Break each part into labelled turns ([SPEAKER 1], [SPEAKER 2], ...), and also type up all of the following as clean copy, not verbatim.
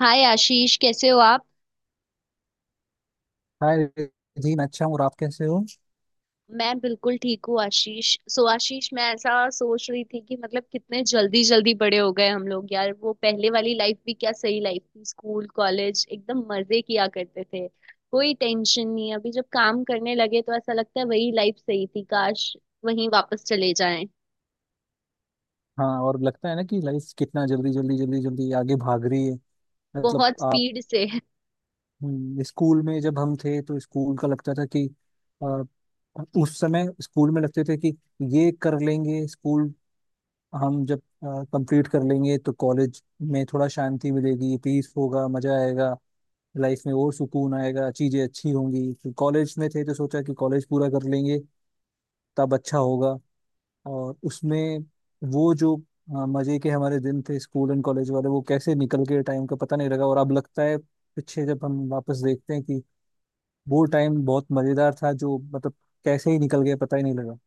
[SPEAKER 1] हाय आशीष, कैसे हो आप?
[SPEAKER 2] हाय जी, मैं अच्छा हूँ। और आप कैसे हो?
[SPEAKER 1] मैं बिल्कुल ठीक हूँ आशीष। सो आशीष, मैं ऐसा सोच रही थी कि मतलब कितने जल्दी जल्दी बड़े हो गए हम लोग यार। वो पहले वाली लाइफ भी क्या सही लाइफ थी। स्कूल कॉलेज एकदम मजे किया करते थे। कोई टेंशन नहीं, अभी जब काम करने लगे तो ऐसा लगता है वही लाइफ सही थी। काश वहीं वापस चले जाएं।
[SPEAKER 2] हाँ, और लगता है ना कि लाइफ कितना जल्दी जल्दी आगे भाग रही है। मतलब
[SPEAKER 1] बहुत
[SPEAKER 2] आप।
[SPEAKER 1] स्पीड से।
[SPEAKER 2] स्कूल में जब हम थे तो स्कूल का लगता था कि आ, उस समय स्कूल में लगते थे कि ये कर लेंगे स्कूल। हम जब कंप्लीट कर लेंगे तो कॉलेज में थोड़ा शांति मिलेगी, पीस होगा, मजा आएगा। लाइफ में और सुकून आएगा, चीजें अच्छी होंगी। फिर कॉलेज में थे तो सोचा कि कॉलेज पूरा कर लेंगे तब अच्छा होगा। और उसमें वो जो मजे के हमारे दिन थे स्कूल एंड कॉलेज वाले, वो कैसे निकल गए टाइम का पता नहीं लगा। और अब लगता है पीछे जब हम वापस देखते हैं कि वो टाइम बहुत मजेदार था, जो मतलब कैसे ही निकल गया पता ही नहीं लगा।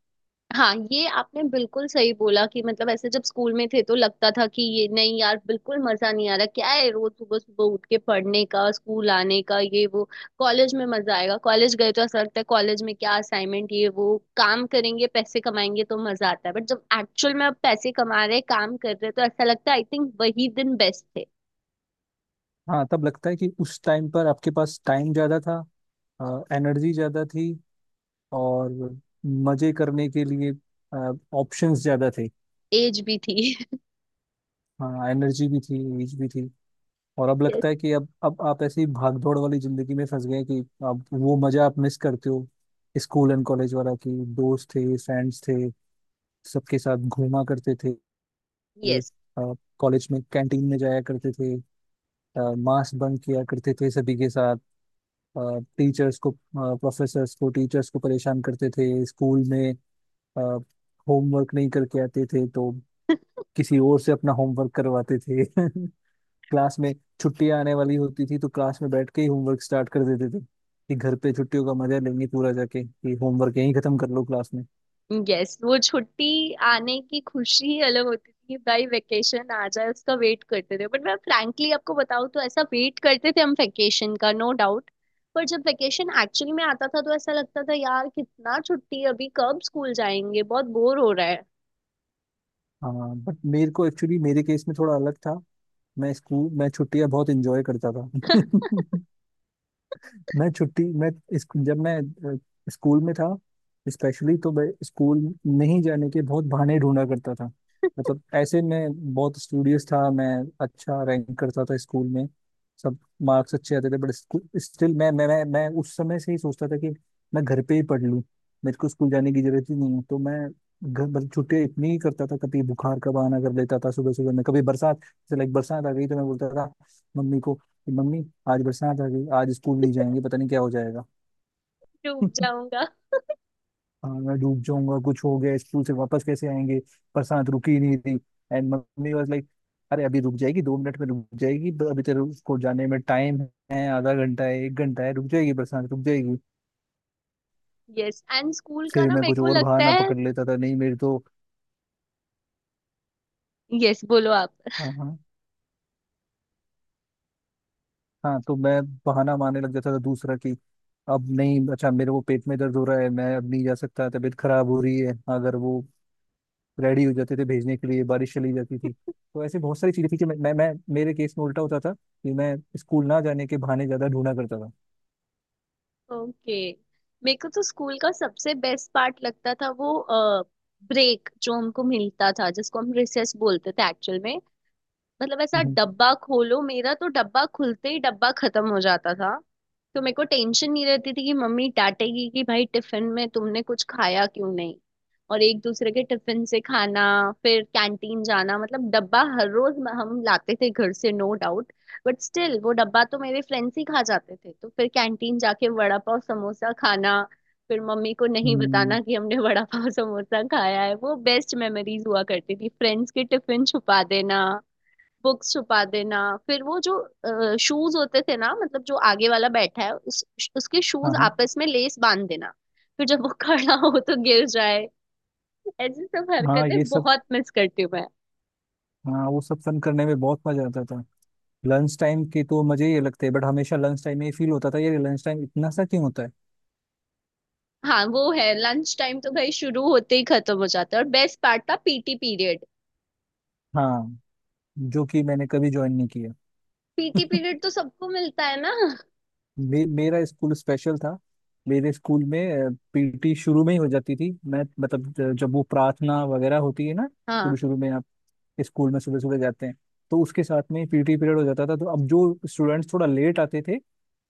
[SPEAKER 1] हाँ, ये आपने बिल्कुल सही बोला कि मतलब ऐसे जब स्कूल में थे तो लगता था कि ये नहीं यार, बिल्कुल मजा नहीं आ रहा, क्या है रोज सुबह सुबह उठ के पढ़ने का, स्कूल आने का, ये वो। कॉलेज में मजा आएगा, कॉलेज गए तो ऐसा लगता है कॉलेज में क्या असाइनमेंट ये वो काम करेंगे, पैसे कमाएंगे तो मजा आता है, बट जब एक्चुअल में अब पैसे कमा रहे, काम कर रहे, तो ऐसा लगता है आई थिंक वही दिन बेस्ट थे।
[SPEAKER 2] हाँ, तब लगता है कि उस टाइम पर आपके पास टाइम ज्यादा था, एनर्जी ज्यादा थी, और मजे करने के लिए ऑप्शंस ज्यादा थे।
[SPEAKER 1] एज भी थी।
[SPEAKER 2] हाँ, एनर्जी भी थी, एज भी थी। और अब लगता है कि अब आप ऐसी भागदौड़ वाली जिंदगी में फंस गए कि अब वो मजा आप मिस करते हो स्कूल एंड कॉलेज वाला। कि दोस्त थे, फ्रेंड्स थे, सबके साथ घूमा करते थे।
[SPEAKER 1] यस।
[SPEAKER 2] कॉलेज में कैंटीन में जाया करते थे। मास्क बंक किया करते थे सभी के साथ। टीचर्स को प्रोफेसर्स को, टीचर्स को परेशान करते थे स्कूल में। होमवर्क नहीं करके आते थे तो किसी और से अपना होमवर्क करवाते थे। क्लास में छुट्टियां आने वाली होती थी तो क्लास में बैठ के ही होमवर्क स्टार्ट कर देते थे कि घर पे छुट्टियों का मजा लेंगे पूरा जाके, कि होमवर्क यहीं खत्म कर लो क्लास में।
[SPEAKER 1] यस, वो छुट्टी आने की खुशी ही अलग होती थी भाई। वेकेशन आ जाए, उसका वेट करते थे, बट मैं फ्रैंकली आपको बताऊँ तो ऐसा वेट करते थे हम वेकेशन का, नो डाउट। पर जब वेकेशन एक्चुअली में आता था तो ऐसा लगता था यार कितना छुट्टी है, अभी कब स्कूल जाएंगे, बहुत बोर हो रहा है।
[SPEAKER 2] हाँ, बट मेरे को एक्चुअली मेरे केस में थोड़ा अलग था। मैं स्कूल, मैं छुट्टियां बहुत इंजॉय करता था। मैं छुट्टी मैं जब मैं अ, स्कूल में था स्पेशली, तो मैं स्कूल नहीं जाने के बहुत बहाने ढूंढा करता था। मतलब ऐसे मैं बहुत स्टूडियस था, मैं अच्छा रैंक करता था स्कूल में, सब मार्क्स अच्छे आते थे, बट स्टिल मैं उस समय से ही सोचता था कि मैं घर पे ही पढ़ लूँ, मेरे को स्कूल जाने की जरूरत ही नहीं है। तो मैं घर, मतलब छुट्टियाँ इतनी ही करता था, कभी बुखार का बहाना कर लेता था सुबह सुबह में, कभी बरसात जैसे लाइक बरसात आ गई तो मैं बोलता था मम्मी को कि मम्मी, आज बरसात आ गई, आज स्कूल नहीं जाएंगे, पता नहीं क्या हो जाएगा।
[SPEAKER 1] डूब जाऊंगा।
[SPEAKER 2] हाँ, मैं डूब जाऊंगा, कुछ हो गया स्कूल से वापस कैसे आएंगे, बरसात रुकी ही नहीं थी। एंड मम्मी वाज लाइक, अरे अभी रुक जाएगी, दो मिनट में रुक जाएगी, अभी तेरे को जाने में टाइम है, आधा घंटा है, एक घंटा है, रुक जाएगी, बरसात रुक जाएगी।
[SPEAKER 1] यस एंड स्कूल का
[SPEAKER 2] फिर
[SPEAKER 1] ना,
[SPEAKER 2] मैं
[SPEAKER 1] मेरे
[SPEAKER 2] कुछ
[SPEAKER 1] को
[SPEAKER 2] और
[SPEAKER 1] लगता
[SPEAKER 2] बहाना
[SPEAKER 1] है।
[SPEAKER 2] पकड़ लेता था, नहीं मेरी तो।
[SPEAKER 1] यस, बोलो आप।
[SPEAKER 2] हाँ, हाँ। हाँ तो मैं बहाना मारने लग जाता था दूसरा कि अब नहीं, अच्छा मेरे को पेट में दर्द हो रहा है, मैं अब नहीं जा सकता, तबीयत खराब हो रही है। अगर वो रेडी हो जाते थे भेजने के लिए, बारिश चली जाती थी, तो ऐसे बहुत सारी चीजें थी कि मैं मेरे केस में उल्टा होता था कि मैं स्कूल ना जाने के बहाने ज्यादा ढूंढा करता था।
[SPEAKER 1] ओके। मेरे को तो स्कूल का सबसे बेस्ट पार्ट लगता था वो ब्रेक जो हमको मिलता था, जिसको हम रिसेस बोलते थे एक्चुअल में। मतलब ऐसा
[SPEAKER 2] हम्म।
[SPEAKER 1] डब्बा खोलो, मेरा तो डब्बा खुलते ही डब्बा खत्म हो जाता था। तो मेरे को टेंशन नहीं रहती थी कि मम्मी डांटेगी कि भाई टिफिन में तुमने कुछ खाया क्यों नहीं। और एक दूसरे के टिफिन से खाना, फिर कैंटीन जाना। मतलब डब्बा हर रोज हम लाते थे घर से, नो डाउट। बट स्टिल वो डब्बा तो मेरे फ्रेंड्स ही खा जाते थे, तो फिर कैंटीन जाके वड़ा पाव समोसा खाना। फिर मम्मी को नहीं
[SPEAKER 2] हम्म।
[SPEAKER 1] बताना कि हमने वड़ा पाव समोसा खाया है। वो बेस्ट मेमोरीज हुआ करती थी। फ्रेंड्स के टिफिन छुपा देना, बुक्स छुपा देना। फिर वो जो शूज होते थे ना, मतलब जो आगे वाला बैठा है उसके
[SPEAKER 2] हाँ,
[SPEAKER 1] शूज
[SPEAKER 2] हाँ।
[SPEAKER 1] आपस में लेस बांध देना। फिर जब वो खड़ा हो तो गिर जाए। ऐसी सब
[SPEAKER 2] हाँ, ये
[SPEAKER 1] हरकतें
[SPEAKER 2] सब।
[SPEAKER 1] बहुत मिस करती हूँ मैं।
[SPEAKER 2] हाँ, वो सब फन करने में बहुत मजा आता था। लंच टाइम के तो मजे ही लगते हैं, बट हमेशा लंच टाइम में ये फील होता था, ये लंच टाइम इतना सा क्यों होता है।
[SPEAKER 1] हाँ वो है, लंच टाइम तो भाई शुरू होते ही खत्म हो जाता है। और बेस्ट पार्ट था पीटी पीरियड।
[SPEAKER 2] हाँ, जो कि मैंने कभी ज्वाइन नहीं किया।
[SPEAKER 1] पीटी पीरियड तो सबको मिलता है ना।
[SPEAKER 2] मेरा स्कूल स्पेशल था। मेरे स्कूल में पीटी शुरू में ही हो जाती थी। मैं मतलब जब वो प्रार्थना वगैरह होती है ना,
[SPEAKER 1] हाँ।
[SPEAKER 2] शुरू शुरू में आप स्कूल में सुबह सुबह जाते हैं, तो उसके साथ में पीटी पीरियड हो जाता था। तो अब जो स्टूडेंट्स थोड़ा लेट आते थे,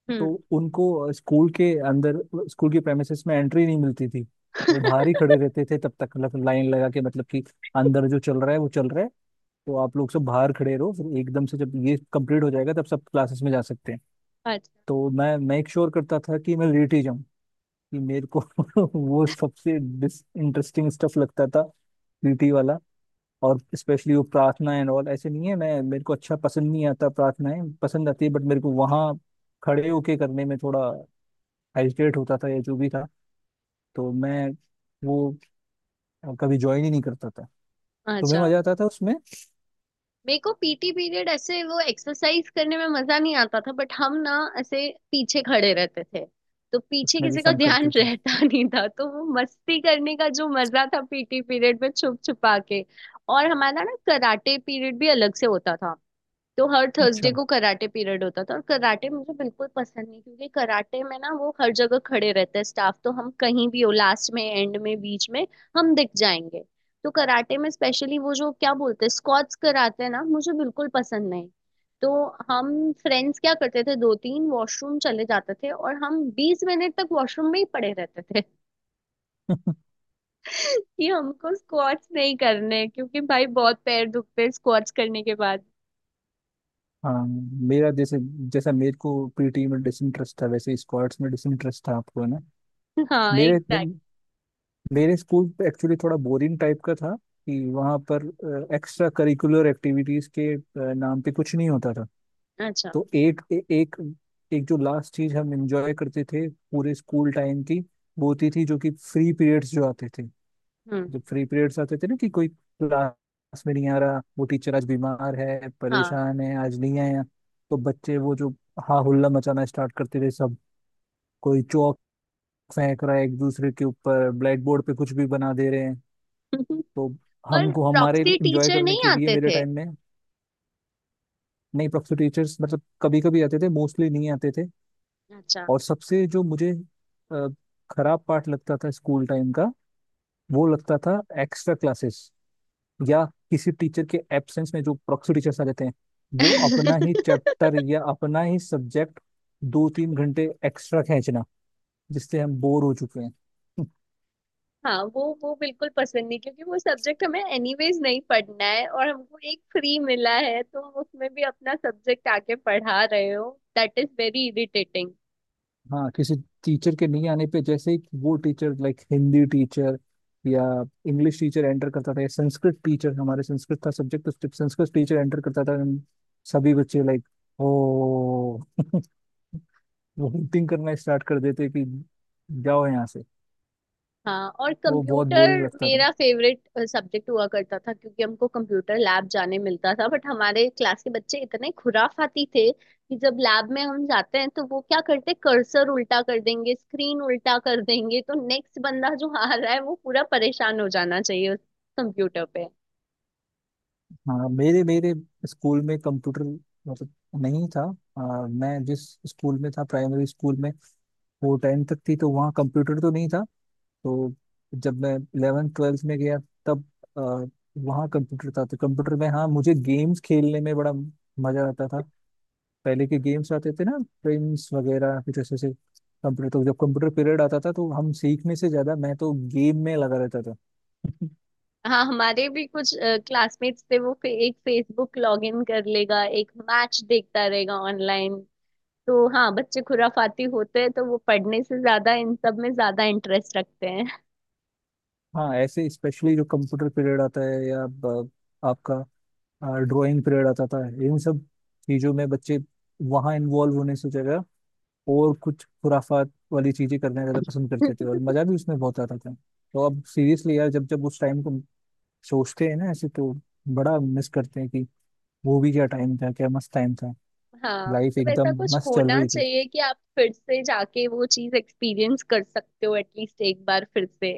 [SPEAKER 1] हम्म।
[SPEAKER 2] तो उनको स्कूल के अंदर, स्कूल के प्रेमिसेस में एंट्री नहीं मिलती थी, वो बाहर ही खड़े रहते थे तब तक। मतलब लाइन लगा के, मतलब कि अंदर जो चल रहा है वो चल रहा है, तो आप लोग सब बाहर खड़े रहो, फिर एकदम से जब ये कंप्लीट हो जाएगा तब सब क्लासेस में जा सकते हैं।
[SPEAKER 1] अच्छा।
[SPEAKER 2] तो मैं मेक श्योर करता था कि मैं लेट ही जाऊं, कि मेरे को वो सबसे डिस इंटरेस्टिंग स्टफ लगता था पीटी वाला। और स्पेशली वो प्रार्थना एंड ऑल, ऐसे नहीं है मैं, मेरे को अच्छा पसंद नहीं आता, प्रार्थनाएं पसंद आती है, बट मेरे को वहाँ खड़े होके करने में थोड़ा हेजिटेट होता था, या जो भी था। तो मैं वो कभी ज्वाइन ही नहीं करता था। तो मैं,
[SPEAKER 1] अच्छा,
[SPEAKER 2] मजा आता था उसमें,
[SPEAKER 1] मेरे को पीटी पीरियड ऐसे वो एक्सरसाइज करने में मजा नहीं आता था, बट हम ना ऐसे पीछे खड़े रहते थे, तो पीछे
[SPEAKER 2] उसमें भी
[SPEAKER 1] किसी का
[SPEAKER 2] फन
[SPEAKER 1] ध्यान
[SPEAKER 2] करते थे।
[SPEAKER 1] रहता नहीं था, तो वो मस्ती करने का जो मजा था पीटी पीरियड में छुप छुपा के। और हमारा ना कराटे पीरियड भी अलग से होता था। तो हर थर्सडे
[SPEAKER 2] अच्छा।
[SPEAKER 1] को कराटे पीरियड होता था, और कराटे मुझे बिल्कुल पसंद नहीं, क्योंकि कराटे में ना वो हर जगह खड़े रहते हैं स्टाफ, तो हम कहीं भी हो, लास्ट में, एंड में, बीच में, हम दिख जाएंगे। तो कराटे में स्पेशली वो जो क्या बोलते हैं स्क्वाट्स कराते हैं ना, मुझे बिल्कुल पसंद नहीं। तो हम फ्रेंड्स क्या करते थे, दो तीन वॉशरूम चले जाते थे और हम 20 मिनट तक वॉशरूम में ही पड़े रहते थे। कि हमको स्क्वाट्स नहीं करने, क्योंकि भाई बहुत पैर दुखते हैं स्क्वाट्स करने के बाद।
[SPEAKER 2] हाँ, मेरा जैसे, जैसा मेरे को पीटी में डिसइंटरेस्ट था वैसे स्क्वाड्स में डिसइंटरेस्ट था आपको, है ना।
[SPEAKER 1] हाँ,
[SPEAKER 2] मेरे
[SPEAKER 1] एग्जैक्ट।
[SPEAKER 2] मेरे स्कूल पे एक्चुअली थोड़ा बोरिंग टाइप का था कि वहाँ पर एक्स्ट्रा करिकुलर एक्टिविटीज के नाम पे कुछ नहीं होता था।
[SPEAKER 1] अच्छा।
[SPEAKER 2] तो एक एक जो लास्ट चीज हम एंजॉय करते थे पूरे स्कूल टाइम की, वो होती थी जो कि फ्री पीरियड्स जो आते थे।
[SPEAKER 1] हम्म।
[SPEAKER 2] जब फ्री पीरियड्स आते थे ना कि कोई क्लास में नहीं आ रहा, वो टीचर आज बीमार है,
[SPEAKER 1] हाँ।
[SPEAKER 2] परेशान है, आज नहीं आया, तो बच्चे वो जो हा हुल्ला मचाना स्टार्ट करते थे सब। कोई चौक फेंक रहा है एक दूसरे के ऊपर, ब्लैक बोर्ड पे कुछ भी बना दे रहे हैं। तो
[SPEAKER 1] पर
[SPEAKER 2] हमको हमारे
[SPEAKER 1] प्रॉक्सी
[SPEAKER 2] इंजॉय
[SPEAKER 1] टीचर
[SPEAKER 2] करने
[SPEAKER 1] नहीं
[SPEAKER 2] के लिए
[SPEAKER 1] आते
[SPEAKER 2] मेरे
[SPEAKER 1] थे?
[SPEAKER 2] टाइम में, नहीं प्रोफेसर टीचर्स मतलब कभी कभी आते थे, मोस्टली नहीं आते थे।
[SPEAKER 1] अच्छा।
[SPEAKER 2] और सबसे जो मुझे अ, खराब पार्ट लगता था स्कूल टाइम का, वो लगता था एक्स्ट्रा क्लासेस, या किसी टीचर के एब्सेंस में जो प्रोफेसर टीचर्स आ जाते हैं, वो अपना ही चैप्टर या अपना ही सब्जेक्ट दो तीन घंटे एक्स्ट्रा खींचना, जिससे हम बोर हो चुके हैं।
[SPEAKER 1] हाँ वो बिल्कुल पसंद नहीं, क्योंकि वो सब्जेक्ट हमें एनीवेज नहीं पढ़ना है, और हमको एक फ्री मिला है, तुम उसमें भी अपना सब्जेक्ट आके पढ़ा रहे हो। That is very irritating.
[SPEAKER 2] हाँ, किसी टीचर के नहीं आने पे जैसे ही वो टीचर लाइक हिंदी टीचर या इंग्लिश टीचर एंटर करता था, या संस्कृत टीचर, हमारे संस्कृत था सब्जेक्ट, तो संस्कृत टीचर एंटर करता था, हम सभी बच्चे लाइक ओ वोमिटिंग करना स्टार्ट कर देते कि जाओ यहाँ से।
[SPEAKER 1] हाँ, और
[SPEAKER 2] वो बहुत
[SPEAKER 1] कंप्यूटर
[SPEAKER 2] बोरिंग लगता था।
[SPEAKER 1] मेरा फेवरेट सब्जेक्ट हुआ करता था, क्योंकि हमको कंप्यूटर लैब जाने मिलता था, बट हमारे क्लास के बच्चे इतने खुराफाती थे कि जब लैब में हम जाते हैं तो वो क्या करते, कर्सर उल्टा कर देंगे, स्क्रीन उल्टा कर देंगे, तो नेक्स्ट बंदा जो आ रहा है वो पूरा परेशान हो जाना चाहिए उस कंप्यूटर पे।
[SPEAKER 2] हाँ, मेरे मेरे स्कूल में कंप्यूटर मतलब नहीं था। मैं जिस स्कूल में था, प्राइमरी स्कूल में, वो टेंथ तक थी, तो वहाँ कंप्यूटर तो नहीं था। तो जब मैं 11th 12th में गया तब आ, वहाँ कंप्यूटर था। तो कंप्यूटर में हाँ मुझे गेम्स खेलने में बड़ा मजा आता था। पहले के गेम्स आते थे ना, प्रिंस वगैरह, कुछ ऐसे ऐसे कंप्यूटर। तो जब कंप्यूटर पीरियड आता था तो हम सीखने से ज्यादा मैं तो गेम में लगा रहता था।
[SPEAKER 1] हाँ, हमारे भी कुछ क्लासमेट्स थे, वो एक फेसबुक लॉग इन कर लेगा, एक मैच देखता रहेगा ऑनलाइन। तो हाँ, बच्चे खुराफाती होते हैं तो वो पढ़ने से ज्यादा इन सब में ज्यादा इंटरेस्ट रखते हैं।
[SPEAKER 2] हाँ, ऐसे स्पेशली जो कंप्यूटर पीरियड आता है या आपका ड्राइंग पीरियड आता था, इन सब चीजों में बच्चे वहाँ इन्वॉल्व होने से जगह और कुछ खुराफात वाली चीजें करना ज्यादा पसंद करते थे, और मजा भी उसमें बहुत आता था। तो अब सीरियसली यार, जब जब उस टाइम को सोचते हैं ना ऐसे, तो बड़ा मिस करते हैं कि वो भी क्या टाइम था, क्या मस्त टाइम था।
[SPEAKER 1] हाँ,
[SPEAKER 2] लाइफ
[SPEAKER 1] मतलब ऐसा
[SPEAKER 2] एकदम
[SPEAKER 1] कुछ
[SPEAKER 2] मस्त चल
[SPEAKER 1] होना
[SPEAKER 2] रही थी।
[SPEAKER 1] चाहिए कि आप फिर से जाके वो चीज एक्सपीरियंस कर सकते हो एटलीस्ट एक बार फिर से।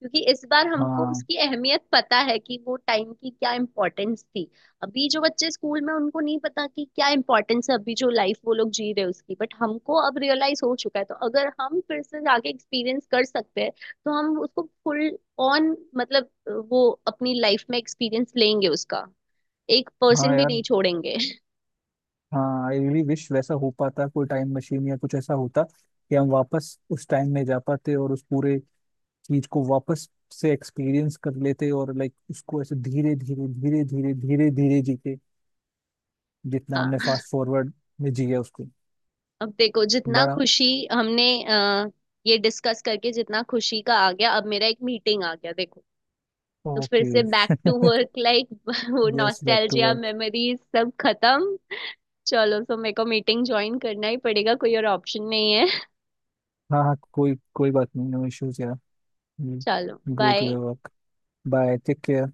[SPEAKER 1] क्योंकि इस बार हमको
[SPEAKER 2] हाँ।
[SPEAKER 1] उसकी अहमियत पता है कि वो टाइम की क्या इम्पोर्टेंस थी। अभी जो बच्चे स्कूल में, उनको नहीं पता कि क्या इम्पोर्टेंस है अभी जो लाइफ वो लोग जी रहे हैं उसकी, बट हमको अब रियलाइज हो चुका है। तो अगर हम फिर से जाके एक्सपीरियंस कर सकते हैं, तो हम उसको फुल ऑन मतलब वो अपनी लाइफ में एक्सपीरियंस लेंगे, उसका एक
[SPEAKER 2] हाँ
[SPEAKER 1] परसेंट भी
[SPEAKER 2] यार,
[SPEAKER 1] नहीं छोड़ेंगे।
[SPEAKER 2] हाँ आई रियली विश वैसा हो पाता, कोई टाइम मशीन या कुछ ऐसा होता कि हम वापस उस टाइम में जा पाते और उस पूरे चीज को वापस से एक्सपीरियंस कर लेते, और लाइक उसको ऐसे धीरे धीरे धीरे धीरे धीरे धीरे जीते, जितना
[SPEAKER 1] हाँ।
[SPEAKER 2] हमने फास्ट फॉरवर्ड में जिया उसको।
[SPEAKER 1] अब देखो जितना
[SPEAKER 2] बड़ा।
[SPEAKER 1] खुशी हमने ये डिस्कस करके जितना खुशी का आ गया, अब मेरा एक मीटिंग आ गया देखो। तो फिर
[SPEAKER 2] ओके।
[SPEAKER 1] से बैक टू वर्क लाइक वो
[SPEAKER 2] yes, back to
[SPEAKER 1] nostalgia
[SPEAKER 2] work.
[SPEAKER 1] Memories सब खत्म। चलो सो मेरे को मीटिंग ज्वाइन करना ही पड़ेगा, कोई और ऑप्शन नहीं है।
[SPEAKER 2] हाँ हाँ, कोई कोई बात नहीं, नो इश्यूज यार।
[SPEAKER 1] चलो
[SPEAKER 2] go to
[SPEAKER 1] bye.
[SPEAKER 2] Your work. Bye, take care.